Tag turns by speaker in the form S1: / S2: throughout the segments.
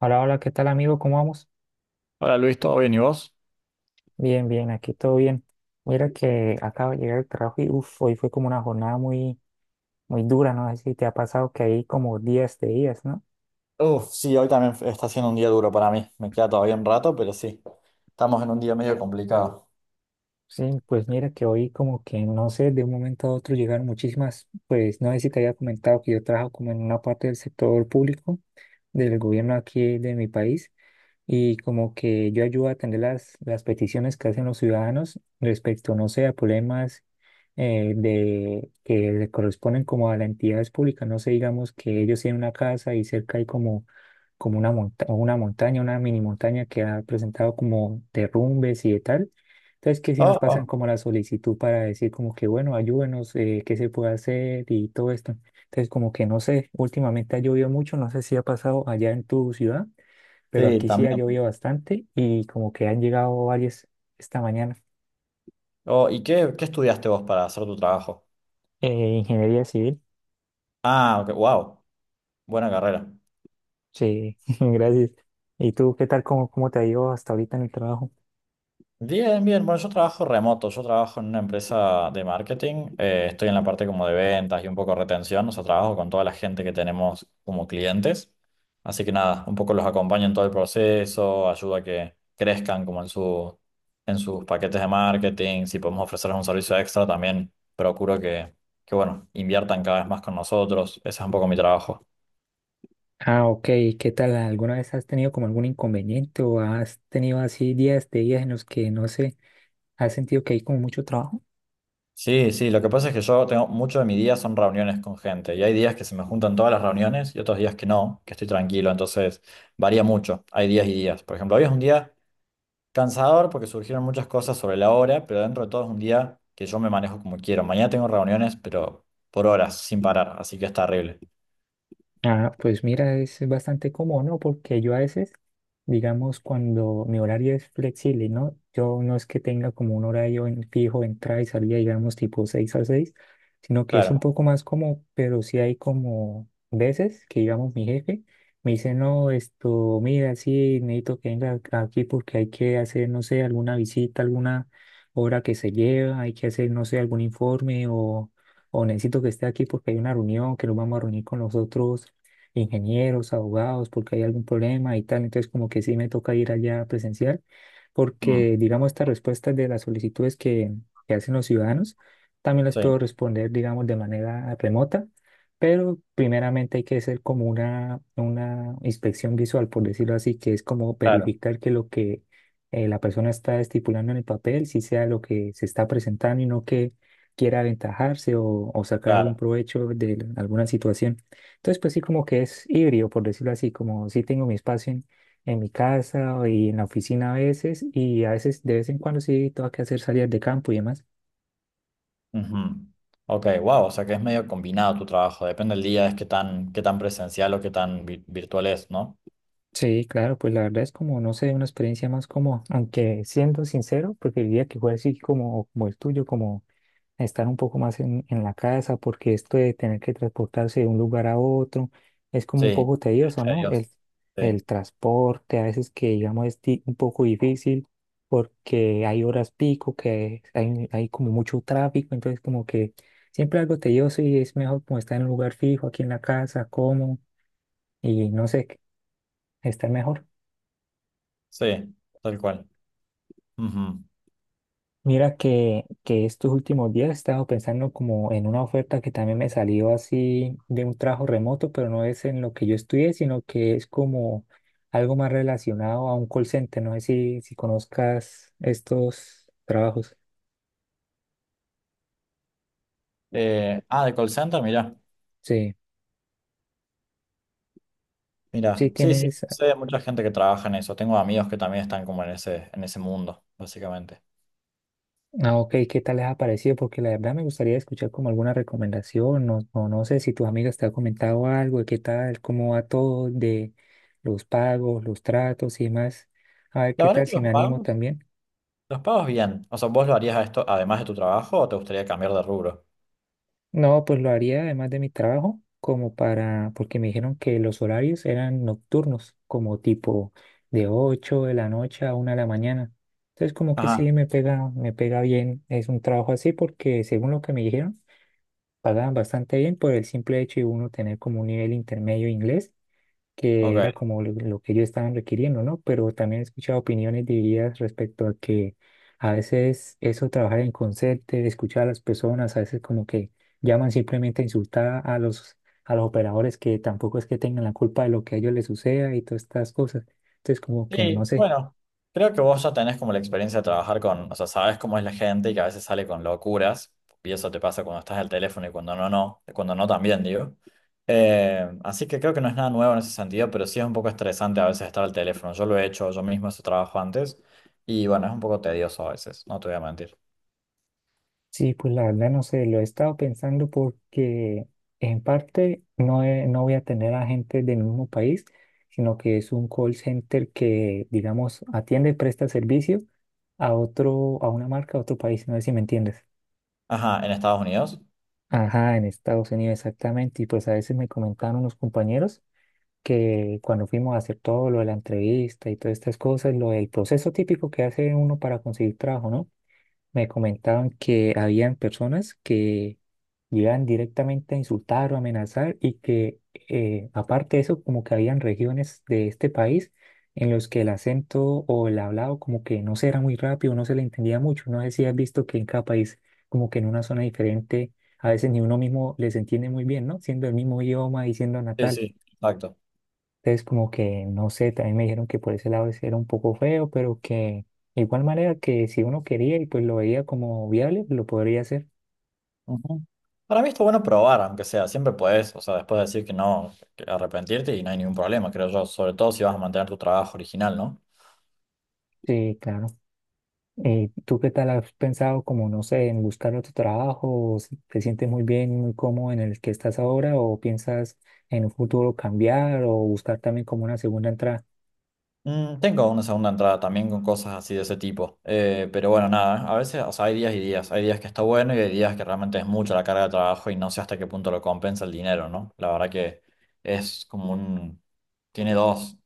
S1: Hola, hola, ¿qué tal, amigo? ¿Cómo vamos?
S2: Hola Luis, ¿todo bien y vos?
S1: Bien, bien, aquí todo bien. Mira que acabo de llegar al trabajo y uff, hoy fue como una jornada muy, muy dura, no sé si te ha pasado que hay como días de días, ¿no?
S2: Sí, hoy también está siendo un día duro para mí. Me queda todavía un rato, pero sí, estamos en un día medio complicado.
S1: Sí, pues mira que hoy como que no sé, de un momento a otro llegaron muchísimas, pues no sé si te había comentado que yo trabajo como en una parte del sector público del gobierno aquí de mi país y como que yo ayudo a atender las peticiones que hacen los ciudadanos respecto, no sé, a problemas que le corresponden como a las entidades públicas, no sé, digamos que ellos tienen una casa y cerca hay como una montaña, una mini montaña que ha presentado como derrumbes y de tal. Entonces, que si nos
S2: Oh,
S1: pasan
S2: oh,
S1: como la solicitud para decir como que, bueno, ayúdenos, qué se puede hacer y todo esto. Entonces, como que no sé, últimamente ha llovido mucho, no sé si ha pasado allá en tu ciudad, pero
S2: sí,
S1: aquí sí ha
S2: también.
S1: llovido bastante y como que han llegado varias esta mañana.
S2: Oh, ¿y qué estudiaste vos para hacer tu trabajo?
S1: Eh, ingeniería civil,
S2: Ah, ok, wow, buena carrera.
S1: sí, gracias. ¿Y tú qué tal? ¿Cómo te ha ido hasta ahorita en el trabajo?
S2: Bien, bien. Bueno, yo trabajo remoto, yo trabajo en una empresa de marketing, estoy en la parte como de ventas y un poco retención, o sea, trabajo con toda la gente que tenemos como clientes. Así que nada, un poco los acompaño en todo el proceso, ayudo a que crezcan como en en sus paquetes de marketing, si podemos ofrecerles un servicio extra, también procuro que bueno, inviertan cada vez más con nosotros. Ese es un poco mi trabajo.
S1: Ah, ok. ¿Qué tal? ¿Alguna vez has tenido como algún inconveniente o has tenido así días de días en los que no sé, has sentido que hay como mucho trabajo?
S2: Sí, sí, lo que pasa es que yo tengo mucho de mi día son reuniones con gente y hay días que se me juntan todas las reuniones y otros días que no, que estoy tranquilo, entonces varía mucho, hay días y días. Por ejemplo, hoy es un día cansador porque surgieron muchas cosas sobre la hora, pero dentro de todo es un día que yo me manejo como quiero. Mañana tengo reuniones, pero por horas, sin parar, así que está horrible.
S1: Ah, pues mira, es bastante cómodo, ¿no? Porque yo a veces, digamos, cuando mi horario es flexible, ¿no? Yo no es que tenga como un horario en fijo, entrada y salida, digamos, tipo 6 a 6, sino que es un
S2: Claro,
S1: poco más cómodo, pero sí hay como veces que, digamos, mi jefe me dice, no, esto, mira, sí, necesito que venga aquí porque hay que hacer, no sé, alguna visita, alguna obra que se lleva, hay que hacer, no sé, algún informe o necesito que esté aquí porque hay una reunión que nos vamos a reunir con los otros ingenieros, abogados, porque hay algún problema y tal. Entonces, como que sí me toca ir allá a presenciar,
S2: mm,
S1: porque, digamos, estas respuestas de las solicitudes que hacen los ciudadanos, también las
S2: sí,
S1: puedo responder, digamos, de manera remota, pero primeramente hay que hacer como una inspección visual, por decirlo así, que es como
S2: claro,
S1: verificar que lo que la persona está estipulando en el papel, si sea lo que se está presentando y no que quiera aventajarse o sacar algún
S2: claro.
S1: provecho de alguna situación. Entonces, pues sí, como que es híbrido, por decirlo así, como sí tengo mi espacio en mi casa y en la oficina a veces, y a veces de vez en cuando sí tengo que hacer salidas de campo y demás.
S2: Ujú. Ok, wow, o sea que es medio combinado tu trabajo, depende del día, es qué tan presencial o qué tan vi- virtual es, ¿no?
S1: Sí, claro, pues la verdad es como, no sé, una experiencia más como, aunque siendo sincero, preferiría que fuera así como el tuyo, como estar un poco más en la casa, porque esto de tener que transportarse de un lugar a otro es como un
S2: Sí.
S1: poco tedioso,
S2: A
S1: ¿no? El,
S2: Dios. Sí,
S1: el transporte a veces que digamos es un poco difícil porque hay horas pico, que hay como mucho tráfico, entonces como que siempre algo tedioso y es mejor como estar en un lugar fijo aquí en la casa, cómodo y no sé, estar mejor.
S2: sí, tal cual. Ujú.
S1: Mira que estos últimos días he estado pensando como en una oferta que también me salió así de un trabajo remoto, pero no es en lo que yo estudié, sino que es como algo más relacionado a un call center. No sé si conozcas estos trabajos.
S2: Ah, de call center, mirá.
S1: Sí, sí
S2: Mira, sí, sí,
S1: tienes.
S2: sé de mucha gente que trabaja en eso. Tengo amigos que también están como en en ese mundo, básicamente.
S1: Ah, ok, ¿qué tal les ha parecido? Porque la verdad me gustaría escuchar como alguna recomendación, o no sé si tus amigas te han comentado algo, de qué tal, cómo va todo de los pagos, los tratos y demás. A ver
S2: La
S1: qué
S2: verdad
S1: tal
S2: que
S1: si me animo también.
S2: los pagos bien. O sea, ¿vos lo harías a esto además de tu trabajo o te gustaría cambiar de rubro?
S1: No, pues lo haría además de mi trabajo, como para, porque me dijeron que los horarios eran nocturnos, como tipo de 8 de la noche a 1 de la mañana. Entonces, como que
S2: Ajá,
S1: sí, me pega bien. Es un trabajo así porque, según lo que me dijeron, pagaban bastante bien por el simple hecho de uno tener como un nivel intermedio de inglés que
S2: ok.
S1: era como lo que ellos estaban requiriendo, ¿no? Pero también he escuchado opiniones divididas respecto a que a veces eso, trabajar en concierto, escuchar a las personas, a veces como que llaman simplemente a insultar a los operadores que tampoco es que tengan la culpa de lo que a ellos les suceda y todas estas cosas. Entonces como que no
S2: Sí,
S1: sé.
S2: bueno, creo que vos ya tenés como la experiencia de trabajar con, o sea, sabes cómo es la gente y que a veces sale con locuras, y eso te pasa cuando estás al teléfono y cuando no, cuando no también, digo. Así que creo que no es nada nuevo en ese sentido, pero sí es un poco estresante a veces estar al teléfono. Yo lo he hecho yo mismo ese trabajo antes y bueno, es un poco tedioso a veces, no te voy a mentir.
S1: Sí, pues la verdad no sé, lo he estado pensando porque en parte no, no voy a tener a gente del mismo país, sino que es un call center que, digamos, atiende y presta servicio a otro, a una marca, a otro país, no sé si me entiendes.
S2: Ajá, en Estados Unidos.
S1: Ajá, en Estados Unidos exactamente. Y pues a veces me comentaron unos compañeros que cuando fuimos a hacer todo lo de la entrevista y todas estas cosas, lo del proceso típico que hace uno para conseguir trabajo, ¿no? Me comentaban que habían personas que llegan directamente a insultar o amenazar y que aparte de eso, como que habían regiones de este país en los que el acento o el hablado como que no se era muy rápido, no se le entendía mucho. No sé si has visto que en cada país, como que en una zona diferente, a veces ni uno mismo les entiende muy bien, ¿no? Siendo el mismo idioma y siendo
S2: Sí,
S1: natal.
S2: sí, exacto.
S1: Entonces, como que, no sé, también me dijeron que por ese lado ese era un poco feo, pero que de igual manera que si uno quería y pues lo veía como viable, lo podría hacer.
S2: Ujú. Para mí está bueno probar, aunque sea, siempre puedes, o sea, después decir que no, que arrepentirte y no hay ningún problema, creo yo, sobre todo si vas a mantener tu trabajo original, ¿no?
S1: Sí, claro. ¿Y tú qué tal has pensado como, no sé, en buscar otro trabajo? ¿O si ¿Te sientes muy bien y muy cómodo en el que estás ahora, o piensas en un futuro cambiar o buscar también como una segunda entrada?
S2: Mm, tengo una segunda entrada también con cosas así de ese tipo, pero bueno, nada, a veces, o sea, hay días y días, hay días que está bueno y hay días que realmente es mucha la carga de trabajo y no sé hasta qué punto lo compensa el dinero, ¿no? La verdad que es como un, tiene dos.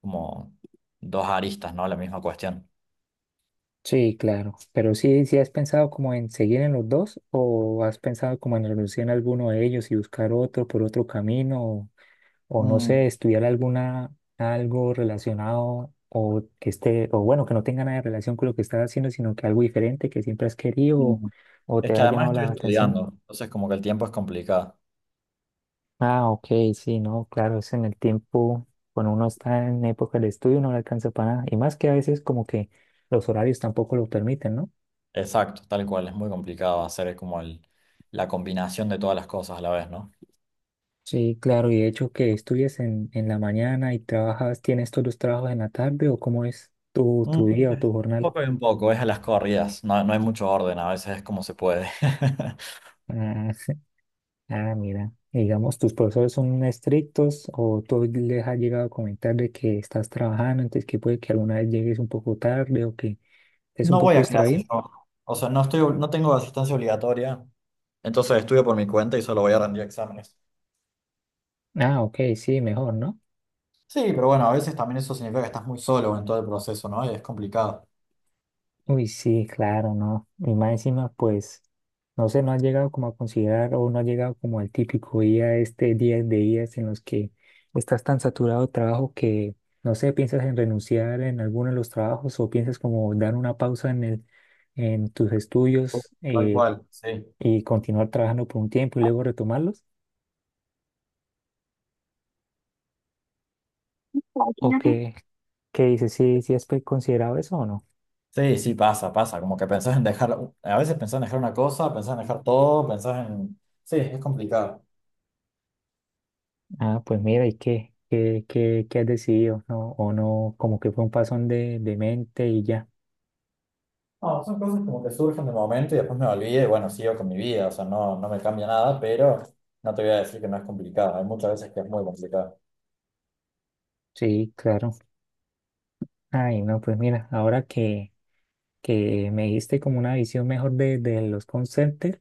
S2: Como dos aristas, ¿no? La misma cuestión.
S1: Sí, claro. Pero sí, sí has pensado como en seguir en los dos, o has pensado como en renunciar a alguno de ellos y buscar otro por otro camino, o no
S2: Mm,
S1: sé, estudiar algo relacionado, o que esté, o bueno, que no tenga nada de relación con lo que estás haciendo, sino que algo diferente que siempre has querido o,
S2: mm.
S1: o
S2: Es
S1: te
S2: que
S1: ha
S2: además
S1: llamado
S2: estoy
S1: la atención.
S2: estudiando, entonces como que el tiempo es complicado.
S1: Ah, ok, sí, no, claro, es en el tiempo, cuando uno está en época de estudio no le alcanza para nada, y más que a veces como que los horarios tampoco lo permiten, ¿no?
S2: Exacto, tal cual, es muy complicado hacer la combinación de todas las cosas a la vez, ¿no?
S1: Sí, claro, y de hecho que estudias en la mañana y trabajas, ¿tienes todos los trabajos en la tarde o cómo es tu,
S2: Mm,
S1: tu día o
S2: un
S1: tu jornal?
S2: poco y un poco, es a las corridas, no, no hay mucho orden, a veces es como se puede.
S1: Ah, ah, mira, y digamos, ¿tus profesores son estrictos o tú les has llegado a comentar de que estás trabajando, entonces que puede que alguna vez llegues un poco tarde o que estés un
S2: No voy
S1: poco
S2: a
S1: distraído?
S2: clases yo, o sea, no tengo asistencia obligatoria, entonces estudio por mi cuenta y solo voy a rendir exámenes.
S1: Ah, ok, sí, mejor, ¿no?
S2: Sí, pero bueno, a veces también eso significa que estás muy solo en todo el proceso, ¿no? Y es complicado.
S1: Uy, sí, claro, ¿no? Y más encima, pues, no sé, no has llegado como a considerar o no has llegado como al típico día, este día de días en los que estás tan saturado de trabajo que, no sé, piensas en renunciar en alguno de los trabajos o piensas como dar una pausa en tus estudios,
S2: Tal cual, sí.
S1: y continuar trabajando por un tiempo y luego retomarlos. ¿O Qué dices? ¿Sí, sí has considerado eso o no?
S2: Sí, sí, pasa, pasa. Como que pensás en dejar, a veces pensás en dejar una cosa, pensás en dejar todo, pensás en... Sí, es complicado.
S1: Ah, pues mira, ¿y qué? ¿Qué has decidido? ¿No? ¿O no? Como que fue un pasón de mente y ya.
S2: No, son cosas como que surgen de momento y después me olvidé y bueno, sigo con mi vida, o sea, no, no me cambia nada, pero no te voy a decir que no es complicado. Hay muchas veces que es muy complicado.
S1: Sí, claro. Ay, no, pues mira, ahora que me diste como una visión mejor de los conceptos.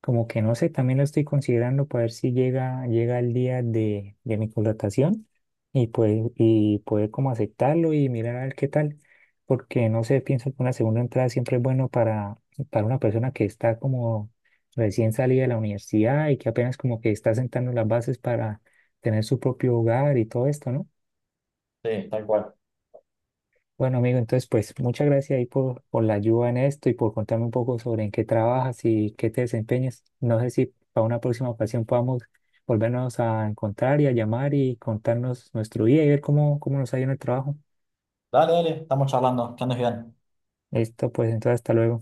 S1: Como que no sé, también lo estoy considerando para ver si llega el día de mi contratación, y pues poder como aceptarlo y mirar a ver qué tal, porque no sé, pienso que una segunda entrada siempre es bueno para una persona que está como recién salida de la universidad y que apenas como que está sentando las bases para tener su propio hogar y todo esto, ¿no?
S2: Sí, tal cual.
S1: Bueno, amigo, entonces, pues muchas gracias ahí por la ayuda en esto y por contarme un poco sobre en qué trabajas y qué te desempeñas. No sé si para una próxima ocasión podamos volvernos a encontrar y a llamar y contarnos nuestro día y ver cómo nos ha ido en el trabajo.
S2: Dale, dale, estamos charlando, que andes bien.
S1: Listo, pues entonces, hasta luego.